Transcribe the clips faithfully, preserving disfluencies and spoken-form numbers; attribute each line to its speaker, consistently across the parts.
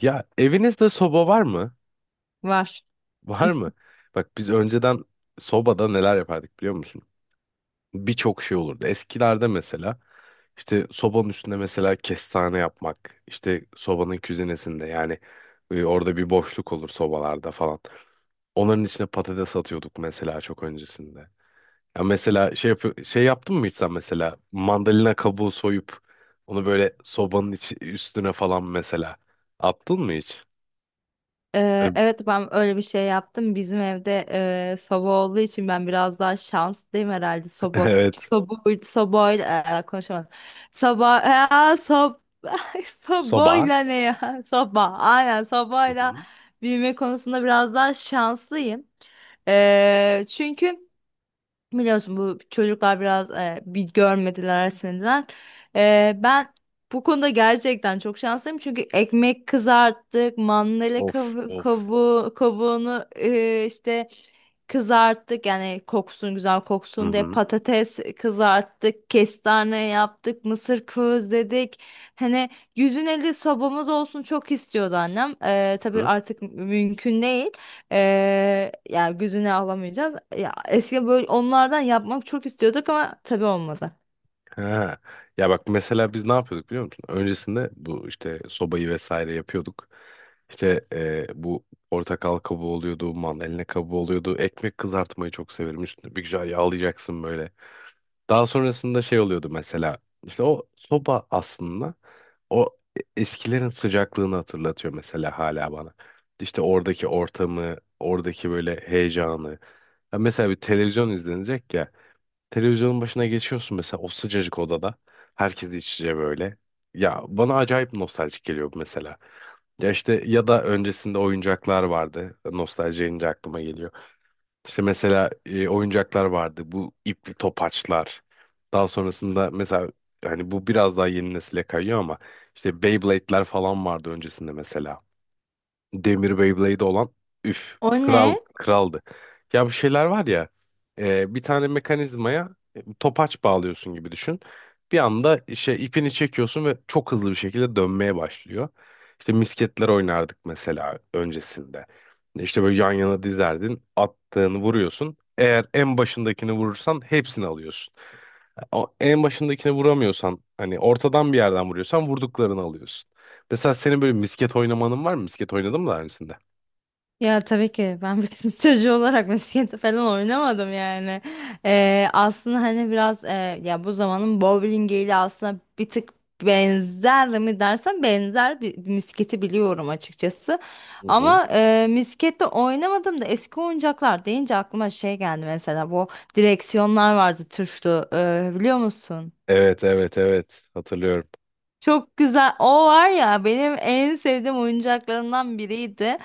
Speaker 1: Ya evinizde soba var mı?
Speaker 2: Var.
Speaker 1: Var mı? Bak biz önceden sobada neler yapardık biliyor musun? Birçok şey olurdu. Eskilerde mesela işte sobanın üstünde mesela kestane yapmak, işte sobanın küzinesinde yani e, orada bir boşluk olur sobalarda falan. Onların içine patates atıyorduk mesela çok öncesinde. Ya mesela şey yapı- şey yaptın mı hiç sen mesela mandalina kabuğu soyup onu böyle sobanın içi, üstüne falan mesela attın mı hiç?
Speaker 2: Ee, evet ben öyle bir şey yaptım. Bizim evde e, soba olduğu için ben biraz daha şanslıyım herhalde. Soba,
Speaker 1: Evet.
Speaker 2: soba, sobayla e, konuşamadım. Soba, e, sob,
Speaker 1: Soba.
Speaker 2: sobayla ne ya? Soba, aynen
Speaker 1: Hı
Speaker 2: sobayla
Speaker 1: hı.
Speaker 2: büyüme konusunda biraz daha şanslıyım. Ee, çünkü biliyorsun bu çocuklar biraz e, bir görmediler, resmediler. E, ben bu konuda gerçekten çok şanslıyım çünkü ekmek kızarttık, mandalina
Speaker 1: Of
Speaker 2: kavu-
Speaker 1: of.
Speaker 2: kabuğu, kabuğunu e, işte kızarttık yani koksun güzel
Speaker 1: Hı
Speaker 2: koksun diye
Speaker 1: hı.
Speaker 2: patates kızarttık, kestane yaptık, mısır közledik. Hani yüz elli sobamız olsun çok istiyordu annem.
Speaker 1: Hı
Speaker 2: E, tabii
Speaker 1: hı.
Speaker 2: artık mümkün değil. Ee, yani gözüne alamayacağız. Ya eski böyle onlardan yapmak çok istiyorduk ama tabii olmadı.
Speaker 1: Ha. Ya bak mesela biz ne yapıyorduk biliyor musun? Öncesinde bu işte sobayı vesaire yapıyorduk. İşte e, bu portakal kabuğu oluyordu, mandalina kabuğu oluyordu. Ekmek kızartmayı çok severim. Üstüne bir güzel yağlayacaksın böyle. Daha sonrasında şey oluyordu mesela. İşte o soba aslında o eskilerin sıcaklığını hatırlatıyor mesela hala bana. İşte oradaki ortamı, oradaki böyle heyecanı. Ya mesela bir televizyon izlenecek ya. Televizyonun başına geçiyorsun mesela o sıcacık odada. Herkes iç içe böyle. Ya bana acayip nostaljik geliyor bu mesela. Ya işte ya da öncesinde oyuncaklar vardı. Nostalji deyince aklıma geliyor. İşte mesela e, oyuncaklar vardı. Bu ipli topaçlar. Daha sonrasında mesela hani bu biraz daha yeni nesile kayıyor ama işte Beyblade'ler falan vardı öncesinde mesela. Demir Beyblade olan üf
Speaker 2: O
Speaker 1: kral
Speaker 2: ne?
Speaker 1: kraldı. Ya bu şeyler var ya e, bir tane mekanizmaya e, topaç bağlıyorsun gibi düşün. Bir anda işte ipini çekiyorsun ve çok hızlı bir şekilde dönmeye başlıyor. İşte misketler oynardık mesela öncesinde. İşte böyle yan yana dizerdin, attığını vuruyorsun. Eğer en başındakini vurursan hepsini alıyorsun. O en başındakine vuramıyorsan hani ortadan bir yerden vuruyorsan vurduklarını alıyorsun. Mesela senin böyle misket oynamanın var mı? Misket oynadın mı daha öncesinde?
Speaker 2: Ya tabii ki ben bir kız çocuğu olarak misket falan oynamadım yani. Ee, aslında hani biraz e, ya bu zamanın bowlingiyle aslında bir tık benzer mi dersen benzer bir misketi biliyorum açıkçası.
Speaker 1: Hı hı.
Speaker 2: Ama e, miskette oynamadım da eski oyuncaklar deyince aklıma şey geldi mesela bu direksiyonlar vardı tuşlu e, biliyor musun?
Speaker 1: Evet evet evet hatırlıyorum.
Speaker 2: Çok güzel. O var ya benim en sevdiğim oyuncaklarımdan biriydi.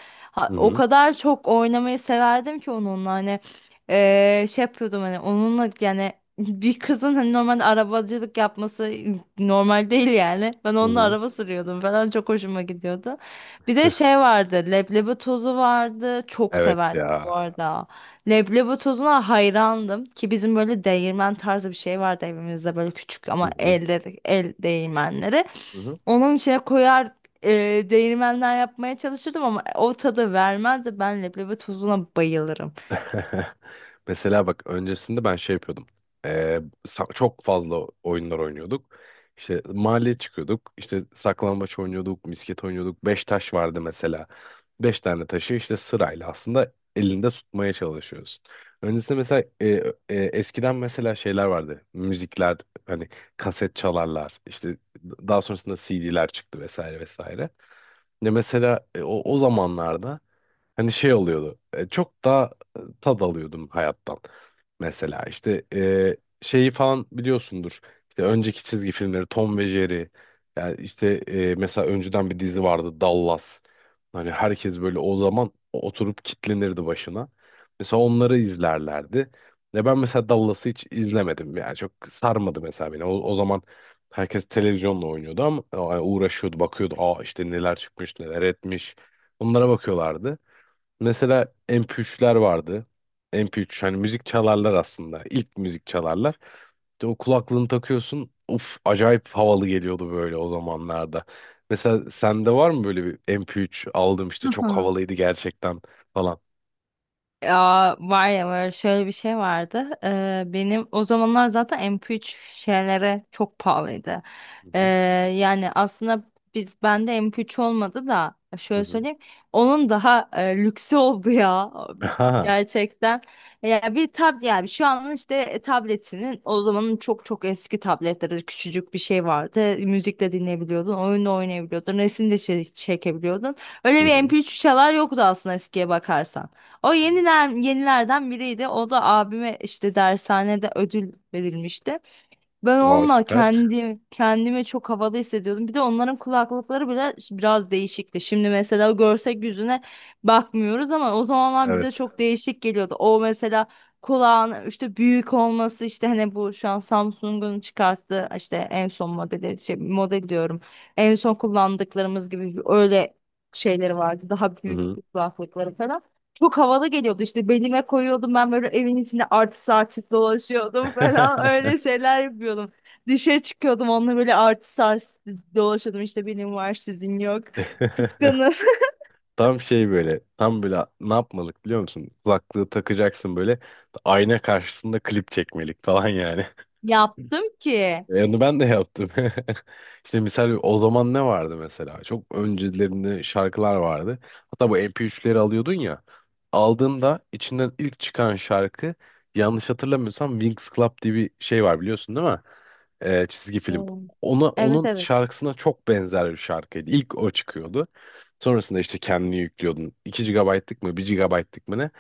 Speaker 1: Hı
Speaker 2: Ha, o
Speaker 1: hı.
Speaker 2: kadar çok oynamayı severdim ki onunla hani eee, şey yapıyordum hani onunla yani bir kızın hani normalde arabacılık yapması normal değil yani. Ben
Speaker 1: Hı
Speaker 2: onunla
Speaker 1: hı.
Speaker 2: araba sürüyordum falan çok hoşuma gidiyordu. Bir de şey vardı, leblebi tozu vardı. Çok
Speaker 1: Evet
Speaker 2: severdim bu
Speaker 1: ya.
Speaker 2: arada. Leblebi tozuna hayrandım ki bizim böyle değirmen tarzı bir şey vardı evimizde, böyle küçük
Speaker 1: Hı
Speaker 2: ama
Speaker 1: hı.
Speaker 2: elde, el değirmenleri.
Speaker 1: Hı hı.
Speaker 2: Onun içine koyar, e, değirmenden yapmaya çalışırdım ama o tadı vermezdi. Ben leblebi tozuna bayılırım.
Speaker 1: Mesela bak öncesinde ben şey yapıyordum. Ee, sa- Çok fazla oyunlar oynuyorduk. İşte mahalleye çıkıyorduk. İşte saklambaç oynuyorduk, misket oynuyorduk. Beş taş vardı mesela. Beş tane taşı işte sırayla aslında elinde tutmaya çalışıyorsun. Öncesinde mesela e, e, eskiden mesela şeyler vardı. Müzikler hani kaset çalarlar. İşte daha sonrasında C D'ler çıktı vesaire vesaire. Ne mesela e, o, o zamanlarda hani şey oluyordu. e, Çok daha e, tad alıyordum hayattan. Mesela işte e, şeyi falan biliyorsundur. İşte önceki çizgi filmleri Tom ve Jerry. Yani işte e, mesela önceden bir dizi vardı Dallas. Hani herkes böyle o zaman oturup kitlenirdi başına. Mesela onları izlerlerdi. Ve ben mesela Dallas'ı hiç izlemedim. Yani çok sarmadı mesela beni. O, o zaman herkes televizyonla oynuyordu ama yani uğraşıyordu, bakıyordu. Aa işte neler çıkmış, neler etmiş. Onlara bakıyorlardı. Mesela M P üçler vardı. M P üç hani müzik çalarlar aslında. İlk müzik çalarlar. İşte o kulaklığını takıyorsun. Uf acayip havalı geliyordu böyle o zamanlarda. Mesela sende var mı böyle bir M P üç aldım işte çok havalıydı gerçekten falan.
Speaker 2: Ya var ya, böyle şöyle bir şey vardı. Ee, benim o zamanlar zaten M P üç şeylere çok pahalıydı.
Speaker 1: Hı
Speaker 2: Ee,
Speaker 1: hı.
Speaker 2: Yani aslında biz bende M P üç olmadı da
Speaker 1: Hı
Speaker 2: şöyle
Speaker 1: hı.
Speaker 2: söyleyeyim. Onun daha e, lüksü oldu ya,
Speaker 1: Ha.
Speaker 2: gerçekten. Ya bir tab yani şu an işte e, tabletinin, o zamanın çok çok eski tabletleri, küçücük bir şey vardı. Müzik de dinleyebiliyordun, oyun da oynayabiliyordun, resim de çe- çekebiliyordun.
Speaker 1: Hı
Speaker 2: Öyle bir
Speaker 1: hı.
Speaker 2: M P üç çalar yoktu aslında eskiye bakarsan. O yeniler, yenilerden biriydi. O da abime işte dershanede ödül verilmişti. Ben
Speaker 1: Aa
Speaker 2: onunla
Speaker 1: süper.
Speaker 2: kendi kendime çok havalı hissediyordum. Bir de onların kulaklıkları bile biraz değişikti. Şimdi mesela görsek yüzüne bakmıyoruz ama o zamanlar bize
Speaker 1: Evet.
Speaker 2: çok değişik geliyordu. O mesela kulağın işte büyük olması, işte hani bu şu an Samsung'un çıkarttığı işte en son modeli şey, model diyorum. En son kullandıklarımız gibi öyle şeyleri vardı. Daha
Speaker 1: Hı
Speaker 2: büyük
Speaker 1: hı.
Speaker 2: kulaklıkları falan. Çok havalı geliyordu, işte belime koyuyordum, ben böyle evin içinde artist artist dolaşıyordum falan öyle şeyler yapıyordum. Dışarı çıkıyordum onunla, böyle artist artist dolaşıyordum, işte benim var sizin yok. Kıskanır.
Speaker 1: Tam şey böyle, tam böyle ne yapmalık biliyor musun? Kulaklığı takacaksın böyle, ayna karşısında klip çekmelik falan yani.
Speaker 2: Yaptım ki.
Speaker 1: E, Onu ben de yaptım. İşte misal o zaman ne vardı mesela? Çok öncelerinde şarkılar vardı. Hatta bu M P üçleri alıyordun ya. Aldığında içinden ilk çıkan şarkı yanlış hatırlamıyorsam Winx Club diye bir şey var biliyorsun değil mi? E, çizgi film.
Speaker 2: Hmm.
Speaker 1: Ona,
Speaker 2: Evet
Speaker 1: onun
Speaker 2: evet.
Speaker 1: şarkısına çok benzer bir şarkıydı. İlk o çıkıyordu. Sonrasında işte kendini yüklüyordun. iki G B'lık mı bir G B'lık mı ne,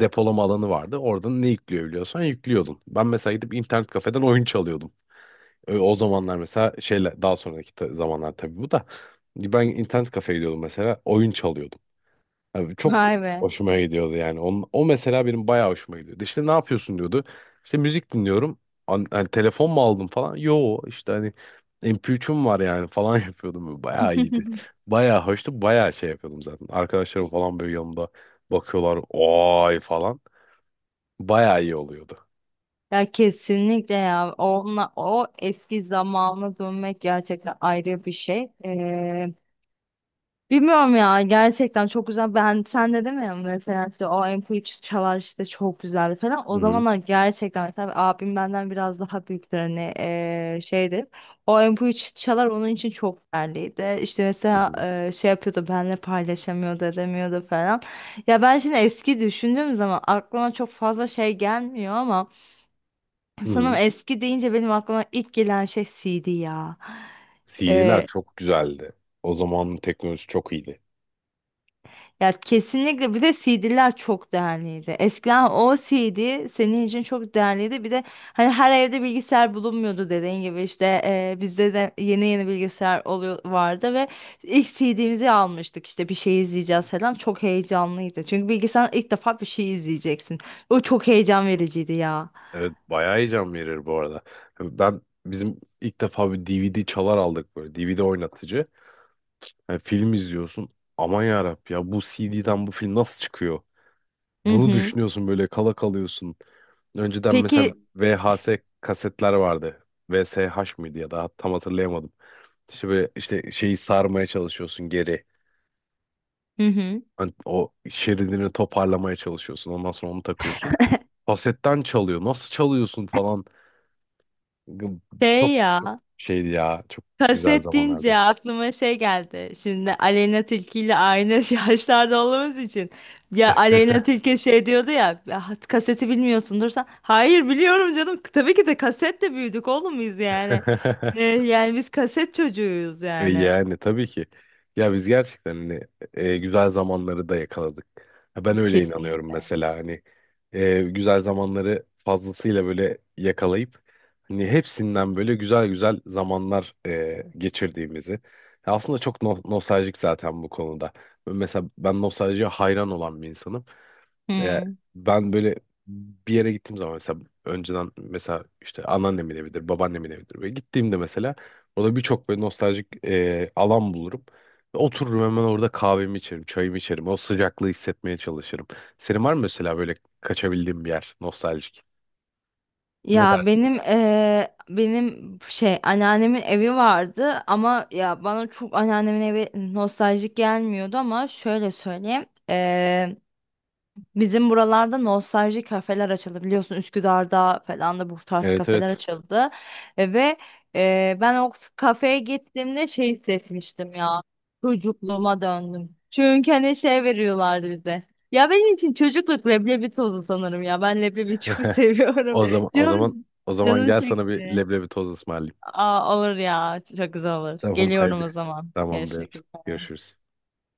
Speaker 1: depolama alanı vardı. Oradan ne yükleyebiliyorsan yüklüyordun. Ben mesela gidip internet kafeden oyun çalıyordum. Ö- O zamanlar mesela şeyle daha sonraki ta- zamanlar tabii bu da ben internet kafeye gidiyordum mesela oyun çalıyordum. Abi çok
Speaker 2: Vay be.
Speaker 1: hoşuma gidiyordu yani. Onun, o mesela benim bayağı hoşuma gidiyordu. İşte ne yapıyorsun diyordu. İşte müzik dinliyorum. An- hani telefon mu aldım falan? Yo işte hani M P üçüm var yani falan yapıyordum. Bayağı iyiydi. Bayağı hoştu. Bayağı şey yapıyordum zaten. Arkadaşlarım falan böyle yanımda bakıyorlar. Oy falan. Bayağı iyi oluyordu.
Speaker 2: Ya kesinlikle ya. Onunla, o eski zamana dönmek gerçekten ayrı bir şey. Ee, Bilmiyorum ya, gerçekten çok güzel. Ben sen de deme ya mesela işte o M P üç çalar işte çok güzeldi falan.
Speaker 1: Hı
Speaker 2: O
Speaker 1: hı.
Speaker 2: zamanlar gerçekten mesela abim benden biraz daha büyüktür hani eee, şeydir. O M P üç çalar onun için çok değerliydi. İşte
Speaker 1: Hı
Speaker 2: mesela
Speaker 1: hı.
Speaker 2: eee, şey yapıyordu, benle paylaşamıyordu, edemiyordu falan. Ya ben şimdi eski düşündüğüm zaman aklıma çok fazla şey gelmiyor ama
Speaker 1: Hı
Speaker 2: sanırım
Speaker 1: hı.
Speaker 2: eski deyince benim aklıma ilk gelen şey C D ya.
Speaker 1: C D'ler çok güzeldi. O zamanın teknolojisi çok iyiydi.
Speaker 2: Ya kesinlikle, bir de C D'ler çok değerliydi. Eskiden o C D senin için çok değerliydi. Bir de hani her evde bilgisayar bulunmuyordu, dediğin gibi işte e, bizde de yeni yeni bilgisayar oluyor vardı ve ilk C D'mizi almıştık, işte bir şey
Speaker 1: Hı.
Speaker 2: izleyeceğiz falan, çok heyecanlıydı. Çünkü bilgisayar ilk defa, bir şey izleyeceksin. O çok heyecan vericiydi ya.
Speaker 1: Evet bayağı heyecan verir bu arada. Ben bizim ilk defa bir D V D çalar aldık böyle D V D oynatıcı. Yani film izliyorsun. Aman yarabbi ya bu C D'den bu film nasıl çıkıyor?
Speaker 2: Hı
Speaker 1: Bunu
Speaker 2: hı.
Speaker 1: düşünüyorsun böyle kala kalıyorsun. Önceden
Speaker 2: Peki.
Speaker 1: mesela V H S kasetler vardı. V S H mıydı ya da tam hatırlayamadım. İşte böyle işte şeyi sarmaya çalışıyorsun geri.
Speaker 2: Hı hı.
Speaker 1: Hani o şeridini toparlamaya çalışıyorsun. Ondan sonra onu takıyorsun. Kasetten çalıyor. Nasıl çalıyorsun falan.
Speaker 2: Şey
Speaker 1: Çok çok
Speaker 2: ya.
Speaker 1: şeydi ya. Çok güzel
Speaker 2: Kaset deyince
Speaker 1: zamanlardı.
Speaker 2: aklıma şey geldi. Şimdi Aleyna Tilki ile aynı yaşlarda olduğumuz için. Ya Aleyna Tilki şey diyordu ya, "Ya kaseti bilmiyorsundur sen." Hayır biliyorum canım. Tabii ki de kasetle büyüdük oğlum biz yani. Ee, yani biz kaset çocuğuyuz
Speaker 1: E,
Speaker 2: yani.
Speaker 1: Yani tabii ki. Ya biz gerçekten hani, e, güzel zamanları da yakaladık. Ha, Ben öyle inanıyorum
Speaker 2: Kesinlikle.
Speaker 1: mesela hani e, güzel zamanları fazlasıyla böyle yakalayıp hani hepsinden böyle güzel güzel zamanlar e, geçirdiğimizi. Ya aslında çok no- nostaljik zaten bu konuda. Mesela ben nostaljiye hayran olan bir insanım. E,
Speaker 2: Hmm.
Speaker 1: Ben böyle bir yere gittiğim zaman mesela önceden mesela işte anneannemin evidir, babaannemin evidir. Böyle gittiğimde mesela orada birçok böyle nostaljik e, alan bulurum. Ve otururum hemen orada kahvemi içerim, çayımı içerim. O sıcaklığı hissetmeye çalışırım. Senin var mı mesela böyle kaçabildiğin bir yer nostaljik? Ne
Speaker 2: Ya
Speaker 1: dersin?
Speaker 2: benim eee, benim şey, anneannemin evi vardı ama ya bana çok anneannemin evi nostaljik gelmiyordu ama şöyle söyleyeyim. Bizim buralarda nostalji kafeler açıldı, biliyorsun Üsküdar'da falan da bu tarz
Speaker 1: Evet
Speaker 2: kafeler
Speaker 1: evet.
Speaker 2: açıldı. E, ve e, ben o kafeye gittiğimde şey hissetmiştim ya, çocukluğuma döndüm. Çünkü hani şey veriyorlardı bize. Ya benim için çocukluk leblebi tozu sanırım ya, ben leblebi çok seviyorum.
Speaker 1: O zaman o zaman
Speaker 2: Canım,
Speaker 1: O zaman
Speaker 2: canım
Speaker 1: gel sana bir
Speaker 2: çekti.
Speaker 1: leblebi toz ısmarlayayım.
Speaker 2: Aa, olur ya, çok güzel olur.
Speaker 1: Tamam
Speaker 2: Geliyorum
Speaker 1: haydi.
Speaker 2: o zaman.
Speaker 1: Tamamdır.
Speaker 2: Görüşmek üzere.
Speaker 1: Görüşürüz.